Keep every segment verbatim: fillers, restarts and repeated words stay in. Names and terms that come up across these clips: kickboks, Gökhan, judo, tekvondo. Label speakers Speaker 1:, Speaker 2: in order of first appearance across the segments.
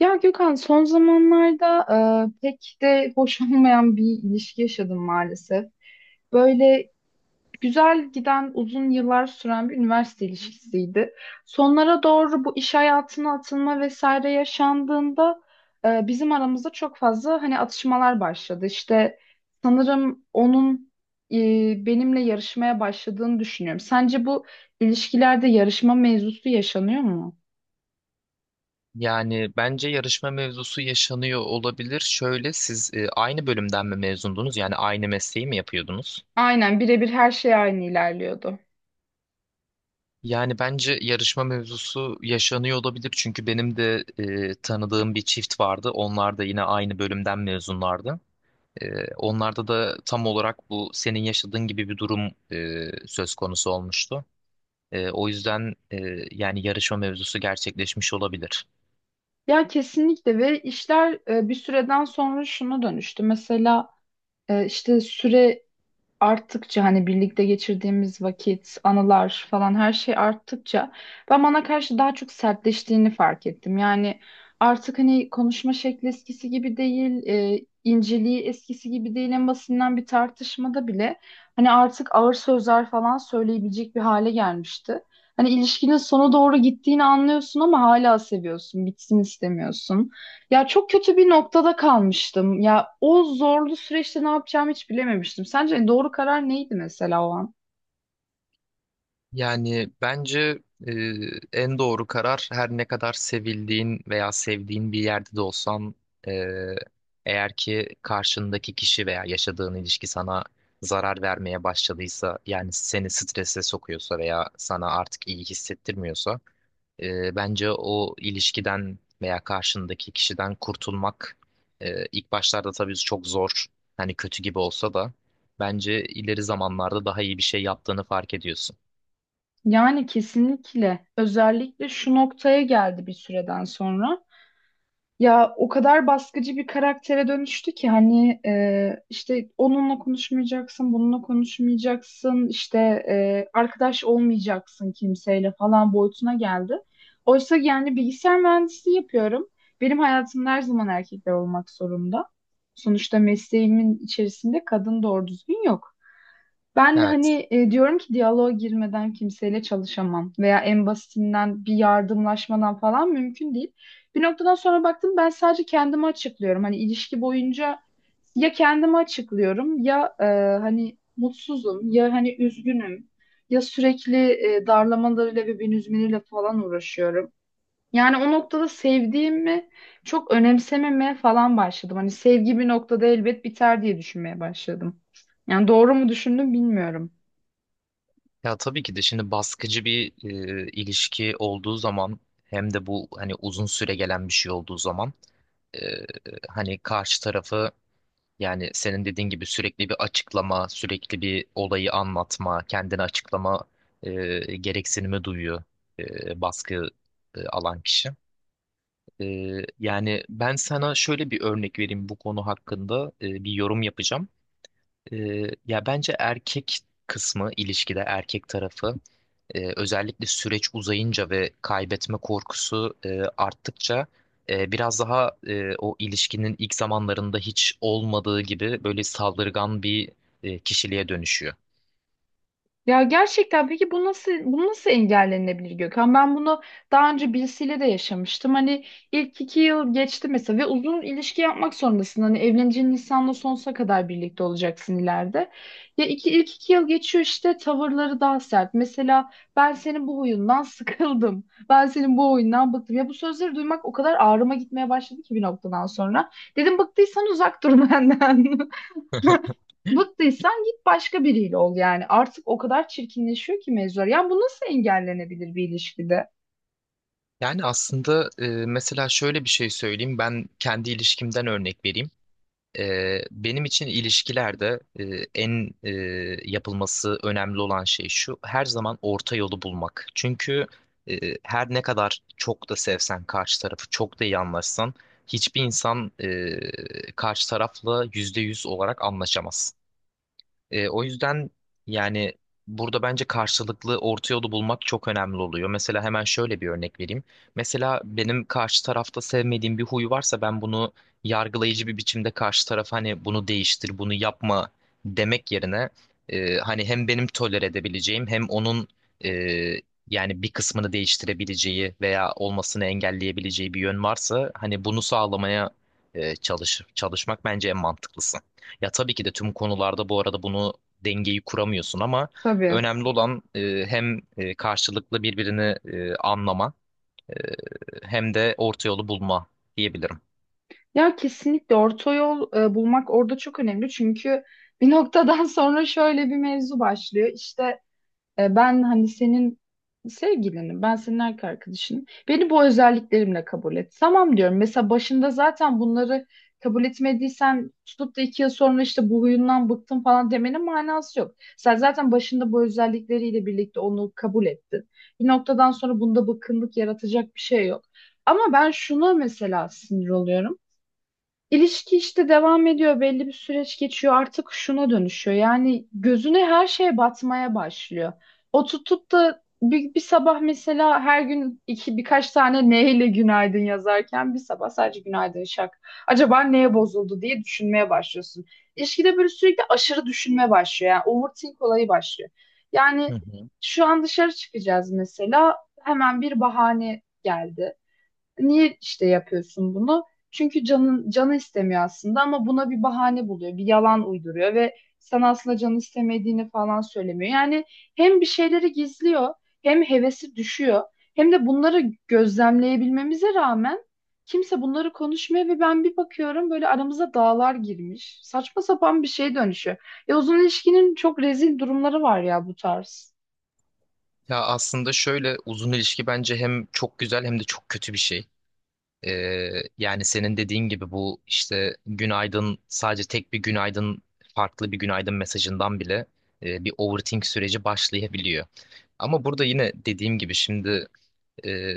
Speaker 1: Ya Gökhan, son zamanlarda e, pek de hoş olmayan bir ilişki yaşadım maalesef. Böyle güzel giden, uzun yıllar süren bir üniversite ilişkisiydi. Sonlara doğru bu iş hayatına atılma vesaire yaşandığında e, bizim aramızda çok fazla hani atışmalar başladı. İşte sanırım onun e, benimle yarışmaya başladığını düşünüyorum. Sence bu ilişkilerde yarışma mevzusu yaşanıyor mu?
Speaker 2: Yani bence yarışma mevzusu yaşanıyor olabilir. Şöyle siz e, aynı bölümden mi mezundunuz? Yani aynı mesleği mi yapıyordunuz?
Speaker 1: Aynen, birebir her şey aynı ilerliyordu.
Speaker 2: Yani bence yarışma mevzusu yaşanıyor olabilir. Çünkü benim de e, tanıdığım bir çift vardı. Onlar da yine aynı bölümden mezunlardı. E, onlarda da tam olarak bu senin yaşadığın gibi bir durum e, söz konusu olmuştu. E, o yüzden e, Yani yarışma mevzusu gerçekleşmiş olabilir.
Speaker 1: Ya kesinlikle, ve işler e, bir süreden sonra şuna dönüştü. Mesela e, işte süre arttıkça, hani birlikte geçirdiğimiz vakit, anılar falan, her şey arttıkça ben bana karşı daha çok sertleştiğini fark ettim. Yani artık hani konuşma şekli eskisi gibi değil, e, inceliği eskisi gibi değil. En basitinden bir tartışmada bile hani artık ağır sözler falan söyleyebilecek bir hale gelmişti. Hani ilişkinin sona doğru gittiğini anlıyorsun ama hala seviyorsun, bitsin istemiyorsun. Ya çok kötü bir noktada kalmıştım. Ya o zorlu süreçte ne yapacağımı hiç bilememiştim. Sence doğru karar neydi mesela o an?
Speaker 2: Yani bence e, en doğru karar her ne kadar sevildiğin veya sevdiğin bir yerde de olsan, e, eğer ki karşındaki kişi veya yaşadığın ilişki sana zarar vermeye başladıysa, yani seni strese sokuyorsa veya sana artık iyi hissettirmiyorsa, e, bence o ilişkiden veya karşındaki kişiden kurtulmak, e, ilk başlarda tabii çok zor, hani kötü gibi olsa da bence ileri zamanlarda daha iyi bir şey yaptığını fark ediyorsun.
Speaker 1: Yani kesinlikle, özellikle şu noktaya geldi bir süreden sonra. Ya o kadar baskıcı bir karaktere dönüştü ki hani e, işte onunla konuşmayacaksın, bununla konuşmayacaksın, işte e, arkadaş olmayacaksın kimseyle falan boyutuna geldi. Oysa yani bilgisayar mühendisliği yapıyorum. Benim hayatımda her zaman erkekler olmak zorunda. Sonuçta mesleğimin içerisinde kadın doğru düzgün yok. Ben
Speaker 2: Evet.
Speaker 1: hani e, diyorum ki, diyaloğa girmeden kimseyle çalışamam veya en basitinden bir yardımlaşmadan falan mümkün değil. Bir noktadan sonra baktım, ben sadece kendimi açıklıyorum. Hani ilişki boyunca ya kendimi açıklıyorum ya e, hani mutsuzum ya hani üzgünüm ya sürekli e, darlamalarıyla ve beni üzmeleriyle falan uğraşıyorum. Yani o noktada sevdiğimi çok önemsememeye falan başladım. Hani sevgi bir noktada elbet biter diye düşünmeye başladım. Yani doğru mu düşündüm bilmiyorum.
Speaker 2: Ya tabii ki de şimdi baskıcı bir e, ilişki olduğu zaman, hem de bu hani uzun süre gelen bir şey olduğu zaman, e, hani karşı tarafı, yani senin dediğin gibi sürekli bir açıklama, sürekli bir olayı anlatma, kendini açıklama e, gereksinimi duyuyor e, baskı e, alan kişi. E, Yani ben sana şöyle bir örnek vereyim, bu konu hakkında e, bir yorum yapacağım. E, Ya bence erkek kısmı, ilişkide erkek tarafı. Ee, özellikle süreç uzayınca ve kaybetme korkusu e, arttıkça, e, biraz daha e, o ilişkinin ilk zamanlarında hiç olmadığı gibi böyle saldırgan bir e, kişiliğe dönüşüyor.
Speaker 1: Ya gerçekten, peki bu nasıl, bu nasıl engellenebilir Gökhan? Ben bunu daha önce birisiyle de yaşamıştım. Hani ilk iki yıl geçti mesela ve uzun ilişki yapmak zorundasın. Hani evleneceğin insanla sonsuza kadar birlikte olacaksın ileride. Ya iki, ilk iki yıl geçiyor, işte tavırları daha sert. Mesela ben senin bu huyundan sıkıldım. Ben senin bu oyundan bıktım. Ya bu sözleri duymak o kadar ağrıma gitmeye başladı ki bir noktadan sonra. Dedim, bıktıysan uzak dur benden. Bıktıysan git başka biriyle ol yani. Artık o kadar çirkinleşiyor ki mevzular. Yani bu nasıl engellenebilir bir ilişkide?
Speaker 2: Yani aslında e, mesela şöyle bir şey söyleyeyim. Ben kendi ilişkimden örnek vereyim. Ee, benim için ilişkilerde e, en e, yapılması önemli olan şey şu: her zaman orta yolu bulmak. Çünkü e, her ne kadar çok da sevsen karşı tarafı, çok da iyi anlaşsan, hiçbir insan e, karşı tarafla yüzde yüz olarak anlaşamaz. E, o yüzden yani burada bence karşılıklı orta yolu bulmak çok önemli oluyor. Mesela hemen şöyle bir örnek vereyim. Mesela benim karşı tarafta sevmediğim bir huy varsa, ben bunu yargılayıcı bir biçimde karşı tarafa hani "bunu değiştir, bunu yapma" demek yerine, e, hani hem benim tolere edebileceğim hem onun e, yani bir kısmını değiştirebileceği veya olmasını engelleyebileceği bir yön varsa hani bunu sağlamaya e, çalış çalışmak bence en mantıklısı. Ya tabii ki de tüm konularda bu arada bunu, dengeyi kuramıyorsun ama
Speaker 1: Tabii.
Speaker 2: önemli olan e, hem e, karşılıklı birbirini e, anlama, e, hem de orta yolu bulma diyebilirim.
Speaker 1: Ya kesinlikle orta yol e, bulmak orada çok önemli. Çünkü bir noktadan sonra şöyle bir mevzu başlıyor. İşte e, ben hani senin sevgilinim, ben senin erkek arkadaşınım. Beni bu özelliklerimle kabul et. Tamam diyorum. Mesela başında zaten bunları kabul etmediysen, tutup da iki yıl sonra işte bu huyundan bıktım falan demenin manası yok. Sen zaten başında bu özellikleriyle birlikte onu kabul ettin. Bir noktadan sonra bunda bıkkınlık yaratacak bir şey yok. Ama ben şuna mesela sinir oluyorum. İlişki işte devam ediyor, belli bir süreç geçiyor, artık şuna dönüşüyor. Yani gözüne her şey batmaya başlıyor. O tutup da bir, bir sabah mesela, her gün iki birkaç tane neyle günaydın yazarken, bir sabah sadece günaydın, şak. Acaba neye bozuldu diye düşünmeye başlıyorsun. İlişkide böyle sürekli aşırı düşünme başlıyor. Yani overthink olayı başlıyor.
Speaker 2: Hı
Speaker 1: Yani
Speaker 2: hı.
Speaker 1: şu an dışarı çıkacağız mesela, hemen bir bahane geldi. Niye işte yapıyorsun bunu? Çünkü canın, canı istemiyor aslında ama buna bir bahane buluyor, bir yalan uyduruyor ve sen aslında canı istemediğini falan söylemiyor. Yani hem bir şeyleri gizliyor, hem hevesi düşüyor, hem de bunları gözlemleyebilmemize rağmen kimse bunları konuşmuyor ve ben bir bakıyorum böyle aramıza dağlar girmiş. Saçma sapan bir şey dönüşüyor. E, uzun ilişkinin çok rezil durumları var ya bu tarz.
Speaker 2: Ya aslında şöyle, uzun ilişki bence hem çok güzel hem de çok kötü bir şey. E, Yani senin dediğin gibi bu, işte günaydın, sadece tek bir günaydın, farklı bir günaydın mesajından bile e, bir overthink süreci başlayabiliyor. Ama burada yine dediğim gibi şimdi, e,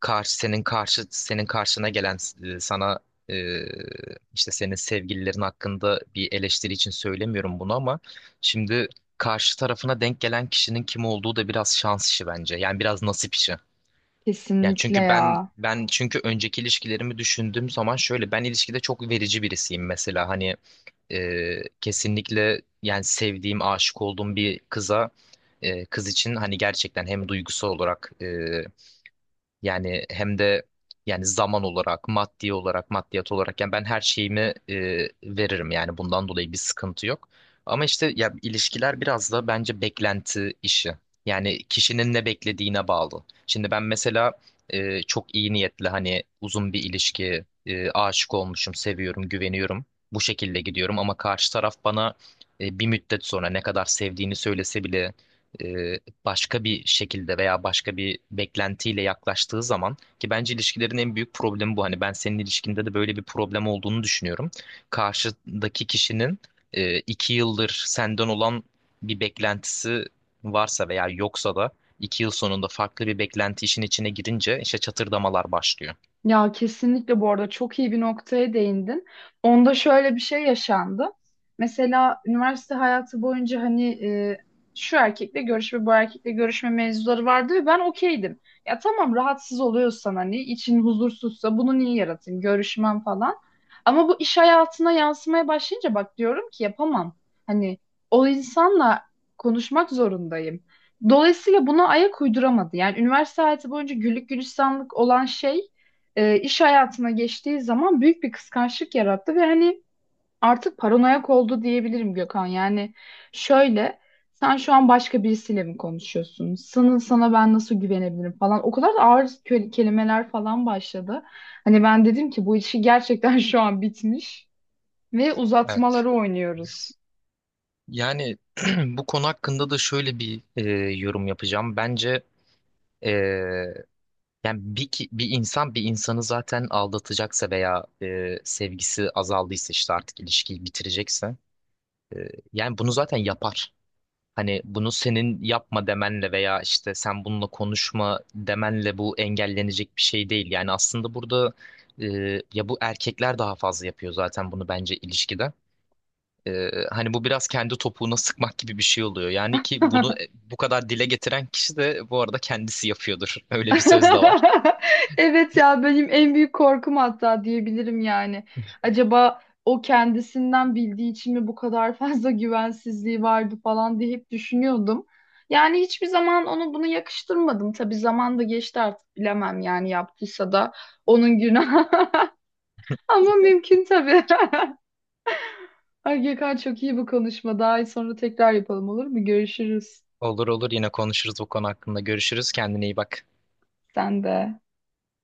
Speaker 2: karşı senin karşı senin karşına gelen, e, sana e, işte senin sevgililerin hakkında bir eleştiri için söylemiyorum bunu ama, şimdi karşı tarafına denk gelen kişinin kim olduğu da biraz şans işi bence. Yani biraz nasip işi. Yani
Speaker 1: Kesinlikle
Speaker 2: çünkü ben
Speaker 1: ya.
Speaker 2: ben çünkü önceki ilişkilerimi düşündüğüm zaman şöyle, ben ilişkide çok verici birisiyim mesela. Hani e, kesinlikle, yani sevdiğim, aşık olduğum bir kıza, e, kız için hani gerçekten hem duygusal olarak e, yani hem de yani zaman olarak, maddi olarak, maddiyat olarak, yani ben her şeyimi e, veririm, yani bundan dolayı bir sıkıntı yok. Ama işte ya, ilişkiler biraz da bence beklenti işi. Yani kişinin ne beklediğine bağlı. Şimdi ben mesela e, çok iyi niyetli, hani uzun bir ilişki, e, aşık olmuşum, seviyorum, güveniyorum. Bu şekilde gidiyorum ama karşı taraf bana e, bir müddet sonra ne kadar sevdiğini söylese bile e, başka bir şekilde veya başka bir beklentiyle yaklaştığı zaman, ki bence ilişkilerin en büyük problemi bu. Hani ben senin ilişkinde de böyle bir problem olduğunu düşünüyorum. Karşıdaki kişinin e, iki yıldır senden olan bir beklentisi varsa, veya yoksa da iki yıl sonunda farklı bir beklenti işin içine girince, işte çatırdamalar başlıyor.
Speaker 1: Ya kesinlikle bu arada çok iyi bir noktaya değindin. Onda şöyle bir şey yaşandı. Mesela üniversite hayatı boyunca hani e, şu erkekle görüşme, bu erkekle görüşme mevzuları vardı ve ben okeydim. Ya tamam, rahatsız oluyorsan, hani için huzursuzsa bunu niye yaratayım, görüşmem falan. Ama bu iş hayatına yansımaya başlayınca bak diyorum ki yapamam. Hani o insanla konuşmak zorundayım. Dolayısıyla buna ayak uyduramadı. Yani üniversite hayatı boyunca güllük gülistanlık olan şey e, iş hayatına geçtiği zaman büyük bir kıskançlık yarattı ve hani artık paranoyak oldu diyebilirim Gökhan. Yani şöyle, sen şu an başka birisiyle mi konuşuyorsun? Sana, sana ben nasıl güvenebilirim falan. O kadar da ağır kö- kelimeler falan başladı. Hani ben dedim ki bu işi gerçekten şu an bitmiş ve
Speaker 2: Evet.
Speaker 1: uzatmaları oynuyoruz.
Speaker 2: Yani bu konu hakkında da şöyle bir e, yorum yapacağım. Bence e, Yani bir, ki- bir insan bir insanı zaten aldatacaksa veya e, sevgisi azaldıysa, işte artık ilişkiyi bitirecekse, e, yani bunu zaten yapar. Hani bunu senin "yapma" demenle veya işte "sen bununla konuşma" demenle bu engellenecek bir şey değil. Yani aslında burada e, ya, bu erkekler daha fazla yapıyor zaten bunu bence ilişkide. E, hani bu biraz kendi topuğuna sıkmak gibi bir şey oluyor. Yani ki bunu e, bu kadar dile getiren kişi de bu arada kendisi yapıyordur. Öyle bir söz de var.
Speaker 1: Evet ya, benim en büyük korkum hatta diyebilirim yani. Acaba o kendisinden bildiği için mi bu kadar fazla güvensizliği vardı falan diye hep düşünüyordum. Yani hiçbir zaman onu bunu yakıştırmadım. Tabii zaman da geçti, artık bilemem yani, yaptıysa da onun günahı. Ama mümkün tabii. Ay Gökhan, çok iyi bu konuşma. Daha iyi sonra tekrar yapalım, olur mu? Görüşürüz.
Speaker 2: Olur olur, yine konuşuruz bu konu hakkında. Görüşürüz. Kendine iyi bak.
Speaker 1: Sen de.